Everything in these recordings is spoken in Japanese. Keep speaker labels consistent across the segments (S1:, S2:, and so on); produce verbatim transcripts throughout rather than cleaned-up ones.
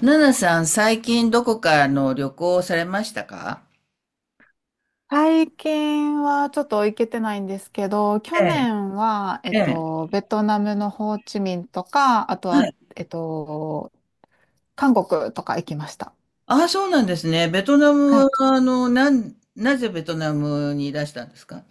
S1: ナナさん、最近どこかの旅行をされましたか？
S2: 最近はちょっと行けてないんですけど、去
S1: ええ、
S2: 年は、えっ
S1: ええ、
S2: と、ベトナムのホーチミンとか、あと
S1: は
S2: は、
S1: い。
S2: えっと、韓国とか行きました。
S1: ああ、そうなんですね。ベトナム
S2: は
S1: は、
S2: い。
S1: あの、なん、なぜベトナムにいらしたんですか？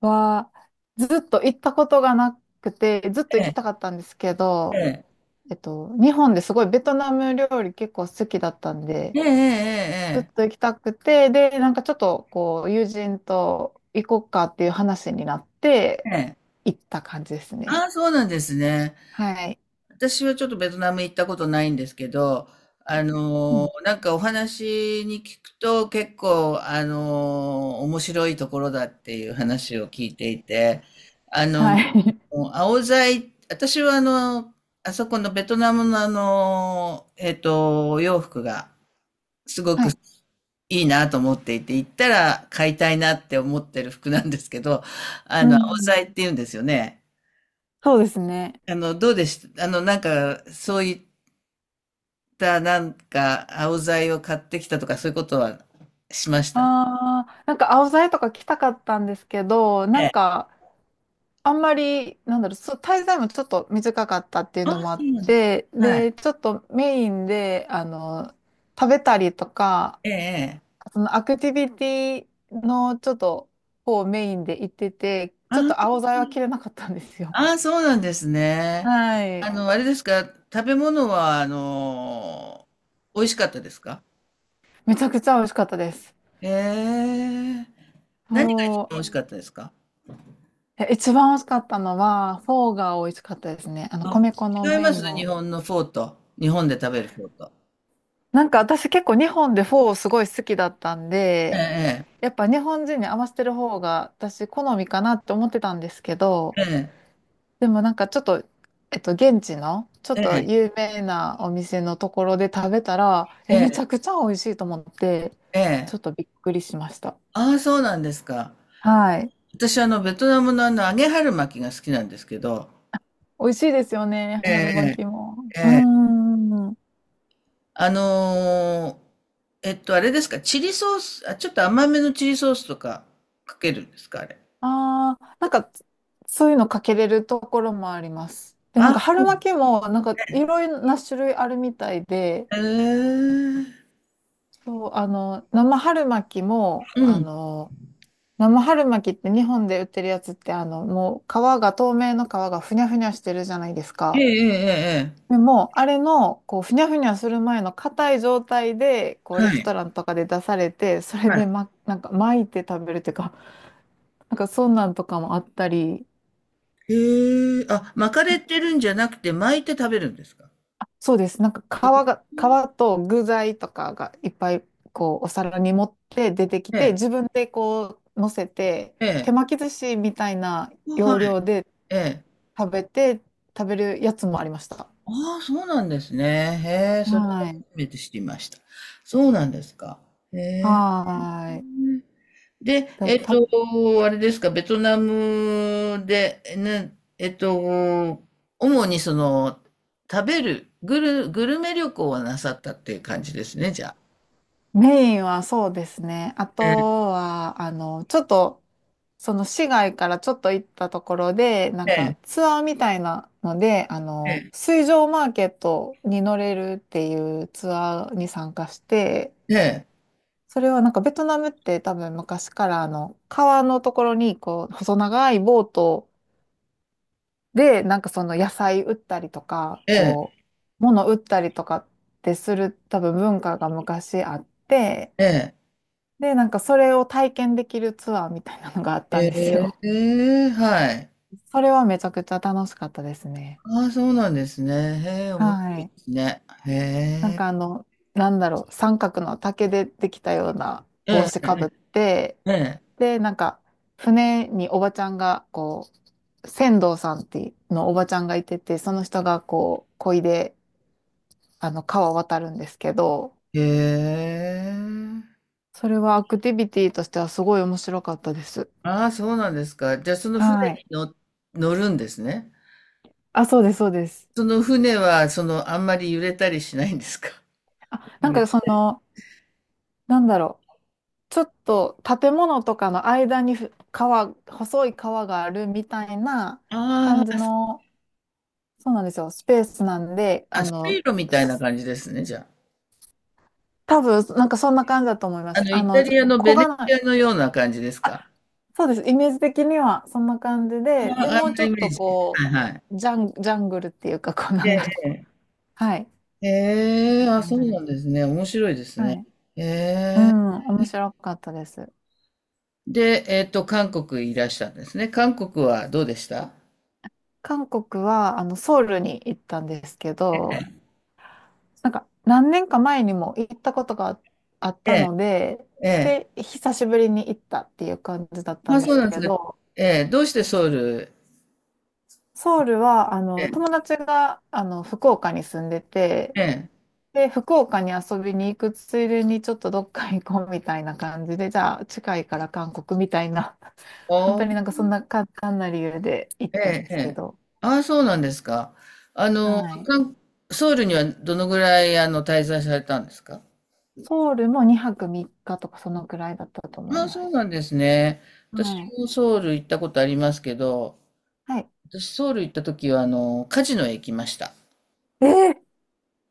S2: は、ずっと行ったことがなくて、ずっと
S1: え
S2: 行きたか
S1: え、
S2: ったんですけ
S1: え
S2: ど、
S1: え、
S2: えっと、日本ですごいベトナム料理結構好きだったんで、
S1: ええ、ええ、
S2: ずっと行きたくて、で、なんかちょっとこう、友人と行こうかっていう話になっ
S1: え
S2: て、
S1: え、ええ。
S2: 行った感じです
S1: あ
S2: ね。
S1: あ、そうなんですね。
S2: はい。
S1: 私はちょっとベトナム行ったことないんですけど、あの、なんかお話に聞くと結構、あの、面白いところだっていう話を聞いていて、
S2: はい。
S1: もう青材、私はあの、あそこのベトナムのあの、えっと、お洋服がすご
S2: は
S1: く
S2: い。
S1: いいなと思っていて、行ったら買いたいなって思ってる服なんですけど、あ
S2: う
S1: の、青
S2: ん。
S1: 材って言うんですよね。
S2: そうですね。
S1: あの、どうでした、あの、なんか、そういった、なんか、青材を買ってきたとか、そういうことはしました？
S2: ああ、なんか青ざとか来たかったんですけど、な
S1: ええ。
S2: んかあんまり、なんだろう、そう、滞在もちょっと短かったっていうの
S1: あ、
S2: もあ
S1: そ
S2: っ
S1: うなんだ。
S2: て、
S1: はい。
S2: で、ちょっとメインで、あの、食べたりとか、
S1: ええ、ええ。
S2: そのアクティビティのちょっと方メインで行ってて、ちょっと
S1: あ
S2: 青ざは切れなかったんですよ。
S1: ああ、そうなんですね。
S2: は
S1: あ
S2: い。
S1: の、あれですか？食べ物は、あの、美味しかったですか？
S2: めちゃくちゃ美味しかったです。
S1: へえ。何が一
S2: そ
S1: 番美
S2: う。
S1: 味しかったですか？
S2: え一番美味しかったのは、フォーが美味しかったですね。あの、
S1: あ、
S2: 米粉の
S1: 違いま
S2: 麺
S1: す？日
S2: の。
S1: 本のフォーと。日本で食べるフォーと。
S2: なんか私結構日本でフォーすごい好きだったん
S1: え
S2: で、
S1: え、
S2: やっぱ日本人に合わせてる方が私好みかなって思ってたんですけど、
S1: ええ、
S2: でもなんかちょっと、えっと、現地のちょっ
S1: え
S2: と
S1: え、
S2: 有名なお店のところで食べたら、
S1: え
S2: え、めち
S1: え、
S2: ゃくちゃ美味しいと思って、
S1: ええ。
S2: ちょっとびっくりしました。
S1: ああ、そうなんですか。
S2: はい。
S1: 私、あの、ベトナムのあの、揚げ春巻きが好きなんですけど。
S2: 美味しいですよね、
S1: え
S2: 春巻
S1: え、
S2: きも。
S1: え
S2: うー
S1: え。
S2: ん。
S1: あのーえっと、あれですか？チリソース、あ、ちょっと甘めのチリソースとかかけるんですか、あれ？
S2: ああ、なんか、そういうのかけれるところもあります。で、なん
S1: あ、
S2: か
S1: う
S2: 春
S1: ん。
S2: 巻きも、なんかいろいろな種類あるみたいで、
S1: へえー。
S2: そう、あの、生春巻きも、
S1: う
S2: あ
S1: ん。
S2: の、生春巻きって日本で売ってるやつって、あの、もう皮が、透明の皮がふにゃふにゃしてるじゃないです
S1: ええ
S2: か。
S1: ええええ。
S2: でも、あれの、こう、ふにゃふにゃする前の硬い状態で、こう、レ
S1: は
S2: ス
S1: い。
S2: トランとかで出されて、それ
S1: はい。
S2: で、ま、なんか巻いて食べるっていうか、なんかそんなんとかもあったり、
S1: へえ、あ、巻かれてるんじゃなくて巻いて食べるんですか？
S2: そうです。なんか皮が、皮と具材とかがいっぱいこうお皿に盛って出てきて、
S1: ええ
S2: 自分でこう乗せて、
S1: え
S2: 手
S1: え。え
S2: 巻き寿司みたいな
S1: え、は
S2: 要
S1: い。
S2: 領で
S1: ええ。
S2: 食べて、食べるやつもありました。
S1: ああ、そうなんですね。へえ、それは
S2: は
S1: 初
S2: い。
S1: めて知りました。そうなんですか？へえ。
S2: はーい。
S1: で、
S2: だ、
S1: えっ
S2: た、
S1: と、あれですか？ベトナムで、ね、えっと、主にその、食べる、グル、グルメ旅行はなさったっていう感じですね、じゃあ。
S2: メインはそうですね。あと
S1: ええ、
S2: は、あの、ちょっと、その市外からちょっと行ったところで、なん
S1: え
S2: かツアーみたいなので、あ
S1: え、
S2: の、水上マーケットに乗れるっていうツアーに参加して、
S1: ええ、
S2: それはなんかベトナムって多分昔からあの、川のところにこう、細長いボートで、なんかその野菜売ったりとか、
S1: ええ、
S2: こう、物売ったりとかってする多分文化が昔あって、で、なんかそれを体験できるツアーみたいなのがあっ
S1: え
S2: たんです
S1: え、
S2: よ。
S1: ええ、はい。
S2: それはめちゃくちゃ楽しかったですね。
S1: ああ、そうなんですね。へえ、面白
S2: は
S1: いで
S2: い。
S1: すね。へ
S2: なん
S1: え、
S2: かあの、なんだろう、三角の竹でできたような帽
S1: え
S2: 子
S1: え、
S2: かぶって、
S1: え
S2: で、なんか船におばちゃんが、こう、船頭さんっていうのおばちゃんがいてて、その人がこう、漕いで、あの、川を渡るんですけど、
S1: え、へえ。
S2: それはアクティビティとしてはすごい面白かったです。
S1: ああ、そうなんですか。じゃあ、その船
S2: は
S1: に
S2: い。
S1: 乗、乗るんですね。
S2: あ、そうです、そうです。
S1: その船は、その、あんまり揺れたりしないんですか？
S2: あ、なんかその、なんだろう。ちょっと建物とかの間にふ川、細い川があるみたいな
S1: あ
S2: 感じ
S1: ー
S2: の、そうなんですよ、スペースなんで、あ
S1: あ、水
S2: の、
S1: 路みたいな
S2: す
S1: 感じですね、じゃ
S2: 多分なんかそんな感じだと思いま
S1: あ。あ
S2: す。
S1: の、
S2: あ
S1: イタ
S2: の、
S1: リアの
S2: 小
S1: ベネ
S2: が
S1: チ
S2: ない、
S1: アのような感じですか？
S2: あ、そうです、イメージ的にはそんな感じで、
S1: あ
S2: で
S1: あ、
S2: も
S1: あん
S2: うち
S1: な
S2: ょ
S1: イ
S2: っ
S1: メー
S2: と
S1: ジ。
S2: こ
S1: はいはい。
S2: う、ジャン、ジャングルっていうか、こうな
S1: え
S2: んだろう。
S1: え。
S2: はい、
S1: ええ、あ、
S2: 感
S1: そ
S2: じ
S1: う
S2: で
S1: なん
S2: す。
S1: ですね。面白いですね。
S2: はい。
S1: え
S2: う
S1: え。
S2: ん、面白かったです。
S1: で、えっと、韓国いらしたんですね。韓国はどうでした？
S2: 韓国は、あの、ソウルに行ったんですけど、なんか何年か前にも行ったことがあっ
S1: え
S2: た
S1: え、
S2: ので、
S1: ええ。
S2: で、久しぶりに行ったっていう感じだった
S1: ま
S2: ん
S1: あ、
S2: で
S1: そう
S2: す
S1: なん
S2: け
S1: です
S2: れ
S1: か？
S2: ど、
S1: ええ、どうしてソウル？
S2: ソウルはあ
S1: え
S2: の
S1: え、
S2: 友達があの福岡に住んでて、
S1: ええ。
S2: で、福岡に遊びに行くついでにちょっとどっか行こうみたいな感じで、じゃあ近いから韓国みたいな、本
S1: お。
S2: 当になんかそんな簡単な理由で行っ
S1: え
S2: たん
S1: え、
S2: で
S1: え
S2: すけ
S1: え。
S2: ど、
S1: ああ、そうなんですか。あの、
S2: はい。
S1: 韓ソウルにはどのぐらい、あの、滞在されたんですか？
S2: ソウルもにはくみっかとかそのくらいだったと思
S1: あ
S2: い
S1: あ、
S2: ま
S1: そうな
S2: す。
S1: んですね。私
S2: はい。
S1: もソウル行ったことありますけど、
S2: はい。
S1: 私ソウル行った時は、あの、カジノへ行きました。
S2: えー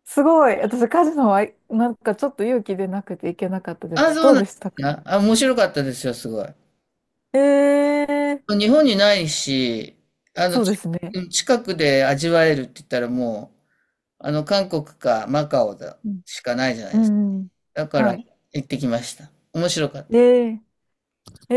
S2: すごい。私、カジノは、なんかちょっと勇気出なくていけなかったで
S1: ああ、
S2: す。
S1: そう
S2: どう
S1: なん
S2: で
S1: で
S2: した
S1: す
S2: か？
S1: か。あ、面白かったですよ、すごい。
S2: ええー、
S1: 日本にないし、あの、
S2: そう
S1: ち
S2: ですね。
S1: 近くで味わえるって言ったらもう、あの、韓国かマカオだ
S2: うん。
S1: しかないじゃな
S2: う
S1: いですか。
S2: んうん。
S1: だから
S2: はい。
S1: 行ってきました。面白かった。
S2: えええ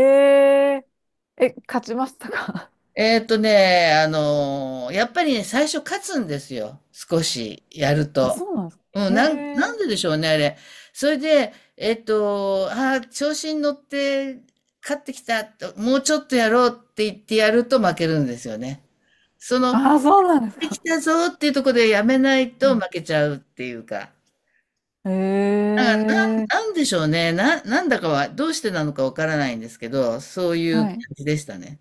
S2: ええ、勝ちましたか？
S1: えーっとね、あのーやっぱりね、最初勝つんですよ。少しやる
S2: あ、
S1: と。
S2: そうなんですか？
S1: うん、
S2: え
S1: なん、なん
S2: え。
S1: ででしょうね、あれ？それで、えっと、あー調子に乗って勝ってきた、もうちょっとやろうって言ってやると負けるんですよね。その、
S2: あ、そうなんです
S1: でき
S2: か？
S1: たぞっていうところでやめない
S2: う
S1: と
S2: ん
S1: 負けちゃうっていうか。
S2: え
S1: なんか、な
S2: え
S1: ん、なんでしょうね。な、なんだかは、どうしてなのかわからないんですけど、そういう
S2: は
S1: 感
S2: い。
S1: じでしたね。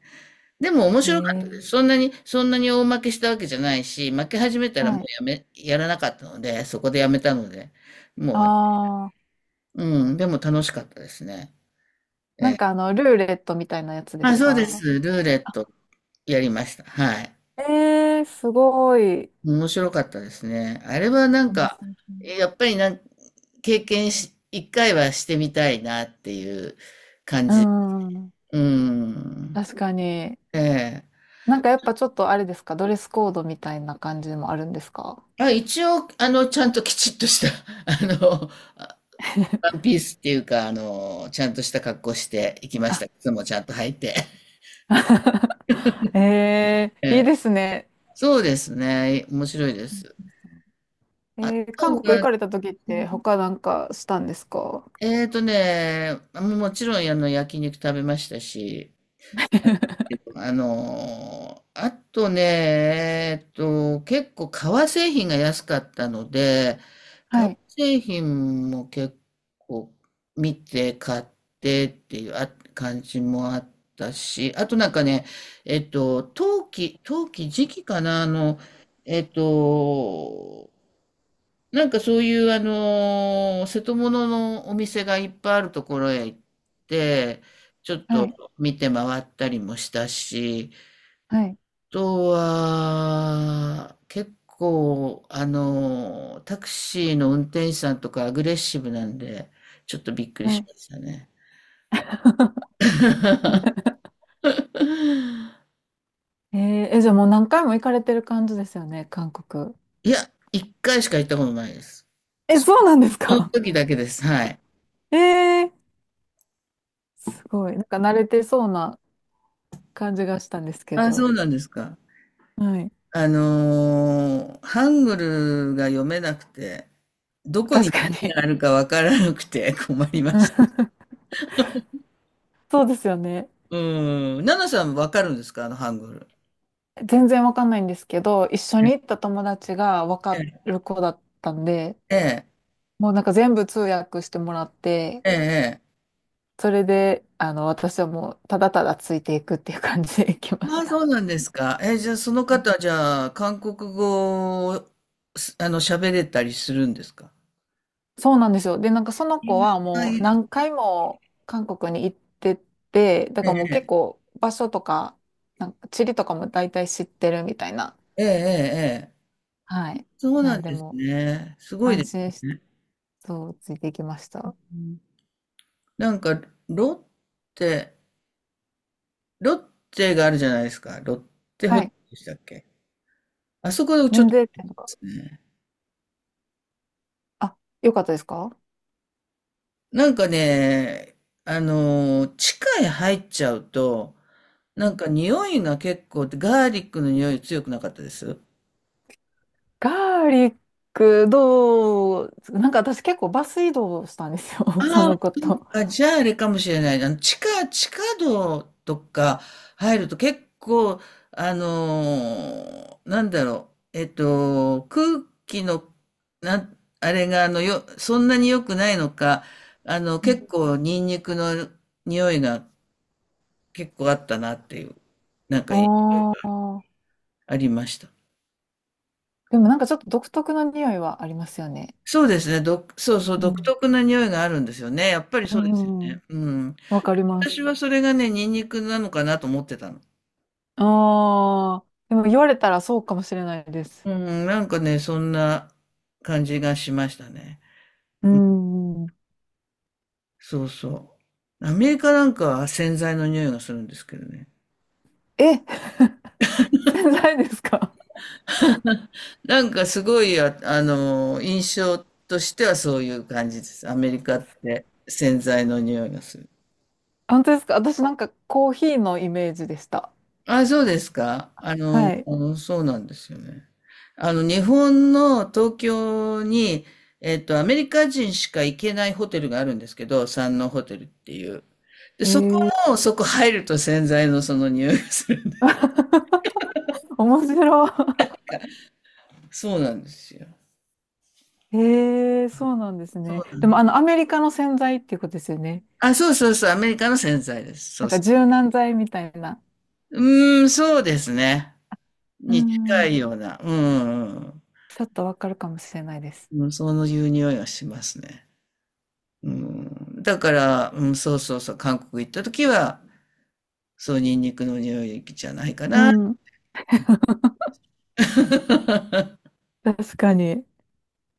S1: でも面白かったで
S2: え
S1: す。
S2: え
S1: そんなにそんなに大負けしたわけじゃないし、負け始めたらもう
S2: はい。
S1: やめやらなかったので、そこでやめたので、もう、
S2: ああ
S1: うん、でも楽しかったですね。え
S2: なん
S1: え。
S2: かあの、ルーレットみたいなやつで
S1: まあ、
S2: す
S1: そうです。
S2: か？
S1: ルーレットやりました。はい。
S2: ええすごい。
S1: 面白かったですね。あれはなん
S2: 面
S1: か、
S2: 白い。
S1: やっぱりなん、経験し、一回はしてみたいなっていう。
S2: うん、
S1: うん。
S2: 確かに。
S1: ええ。
S2: なんかやっぱちょっとあれですか、ドレスコードみたいな感じもあるんですか？
S1: あ、一応、あの、ちゃんときちっとした、あの、ワンピースっていうか、あの、ちゃんとした格好して行きました。
S2: あ
S1: 靴もちゃんと履いて。
S2: え
S1: え
S2: ー、いい
S1: え、
S2: ですね。
S1: そうですね。面白いです。
S2: え
S1: あと
S2: ー、韓国行
S1: は、
S2: かれた時って他なんかしたんですか？
S1: えーとね、もうもちろんあの焼肉食べましたし、あのーあとね、えっと、結構革製品が安かったので、
S2: は
S1: 革
S2: い、
S1: 製品も結構見て買ってっていうあ感じもあったし、あとなんかね、えっと、陶器、陶器時期かな、あの、えっと、なんかそういうあのー瀬戸物のお店がいっぱいあるところへ行って、ちょっ
S2: は
S1: と
S2: い、
S1: 見て回ったりもしたし、
S2: はい、
S1: とは、結構、あの、タクシーの運転手さんとかアグレッシブなんで、ちょっとびっくり
S2: は
S1: し
S2: い。
S1: ましたね。
S2: えー、え、じゃあもう何回も行かれてる感じですよね、韓国。
S1: いや、一回しか行ったことないです。
S2: え、
S1: そ
S2: そうなんです
S1: その
S2: か？
S1: 時だけです。はい。
S2: えー、すごい。なんか慣れてそうな感じがしたんですけ
S1: あ、そ
S2: ど。
S1: うなんですか。
S2: はい。
S1: あのーハングルが読めなくて、どこ
S2: 確
S1: に
S2: か
S1: 何
S2: に。
S1: があるかわからなくて 困りま
S2: う
S1: した。
S2: んそうですよね。
S1: うん。ナナさん、わかるんですか、あのハングル？
S2: 全然わかんないんですけど、一緒
S1: え
S2: に行った友達がわか
S1: え、
S2: る子だったんで、
S1: え
S2: もうなんか全部通訳してもらって、
S1: え、ええ。え
S2: それで、あの、私はもうただただついていくっていう感じで 行きま
S1: あ
S2: し
S1: あ、そ
S2: た。
S1: うなんですか？え、じゃあその
S2: うん
S1: 方、じゃあ韓国語を、すあの、喋れたりするんですか？
S2: そうなんですよ。で、なんかその
S1: いや、
S2: 子はも
S1: い
S2: う
S1: いです
S2: 何回も韓国に行ってて、だから
S1: ね。
S2: もう結構場所とか、なんか地理とかも大体知ってるみたいな。
S1: ええ、ええ、ええ。
S2: はい。
S1: そう
S2: な
S1: な
S2: ん
S1: ん
S2: で
S1: です
S2: も
S1: ね。すごい
S2: 安
S1: で
S2: 心し
S1: す
S2: て、
S1: ね。
S2: そう、ついていきました。
S1: うん、なんか、ロッテ、ロッテがあるじゃないですか。ロッテホ
S2: は
S1: テ
S2: い。
S1: ルでしたっけ？あそこちょっ
S2: 免
S1: とで
S2: 税店とか。
S1: すね。
S2: あ、よかったですか？
S1: なんかね、あの、地下へ入っちゃうと、なんか匂いが結構、ガーリックの匂い強くなかったです
S2: ガーリックどう、なんか私結構バス移動したんですよ、そ
S1: ああ、
S2: のこ
S1: そう
S2: と。
S1: か、じゃああれかもしれないな。地下、地下道とか入ると結構、あのーなんだろう、えっと、空気の、なん、あれが、あの、よ、そんなに良くないのか、あの、結構、ニンニクの匂いが結構あったなっていう、
S2: ああー。
S1: ありました。
S2: でもなんかちょっと独特な匂いはありますよね。
S1: そうですね、ど、そうそう、
S2: う
S1: 独
S2: ん
S1: 特な匂いがあるんですよね。やっぱり
S2: う
S1: そうですよね。
S2: ん。
S1: うん。
S2: わかりま
S1: 私
S2: す。
S1: はそれがね、ニンニクなのかなと思ってたの。
S2: ああ。でも言われたらそうかもしれないです。
S1: うん、なんかね、そんな感じがしましたね。
S2: う
S1: うん、
S2: ん。
S1: そうそう。アメリカなんかは洗剤の匂いがするんですけどね。
S2: え、洗剤ですか？
S1: なんかすごい、あ、あの、印象としてはそういう感じです。アメリカって洗剤の匂いがする。
S2: 本当ですか？私なんかコーヒーのイメージでした。
S1: あ、そうですか。あの、
S2: はい。
S1: そうなんですよね。あの、日本の東京に、えっと、アメリカ人しか行けないホテルがあるんですけど、山王ホテルっていう。で、
S2: え
S1: そこ
S2: ー、
S1: も、そこ入ると洗剤のその匂いがする。
S2: 面白い。
S1: そうなんですよ。
S2: ええ、そうなんですね。でも、あの、アメリカの洗剤っていうことですよね。
S1: あ、そうそうそう、アメリカの洗剤です。そ
S2: なん
S1: う
S2: か
S1: そ
S2: 柔軟剤みたいな。
S1: う。うーん、そうですね。
S2: う
S1: に近
S2: ん。
S1: いような。うん、うん
S2: ちょっとわかるかもしれないです。
S1: うん。そういう匂いがしますね。うん。だから、うん、そうそうそう、韓国行った時は、そう、ニンニクの匂いじゃないか
S2: う
S1: な。
S2: ん。確かに。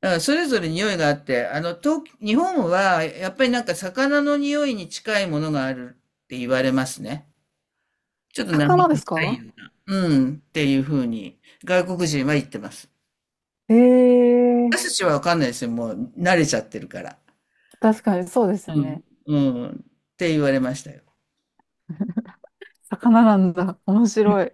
S1: だからそれぞれ匂いがあって、あの、東、日本は、やっぱりなんか魚の匂いに近いものがあるって言われますね。ちょっと生
S2: 魚です
S1: 臭い
S2: か？
S1: ような、うん、っていうふうに、外国人は言ってます。
S2: ええ、
S1: 私たちはわかんないですよ。もう慣れちゃってるから。
S2: 確かにそうですよ
S1: うん、
S2: ね。
S1: うん、って言われましたよ。
S2: 魚なんだ。面白い。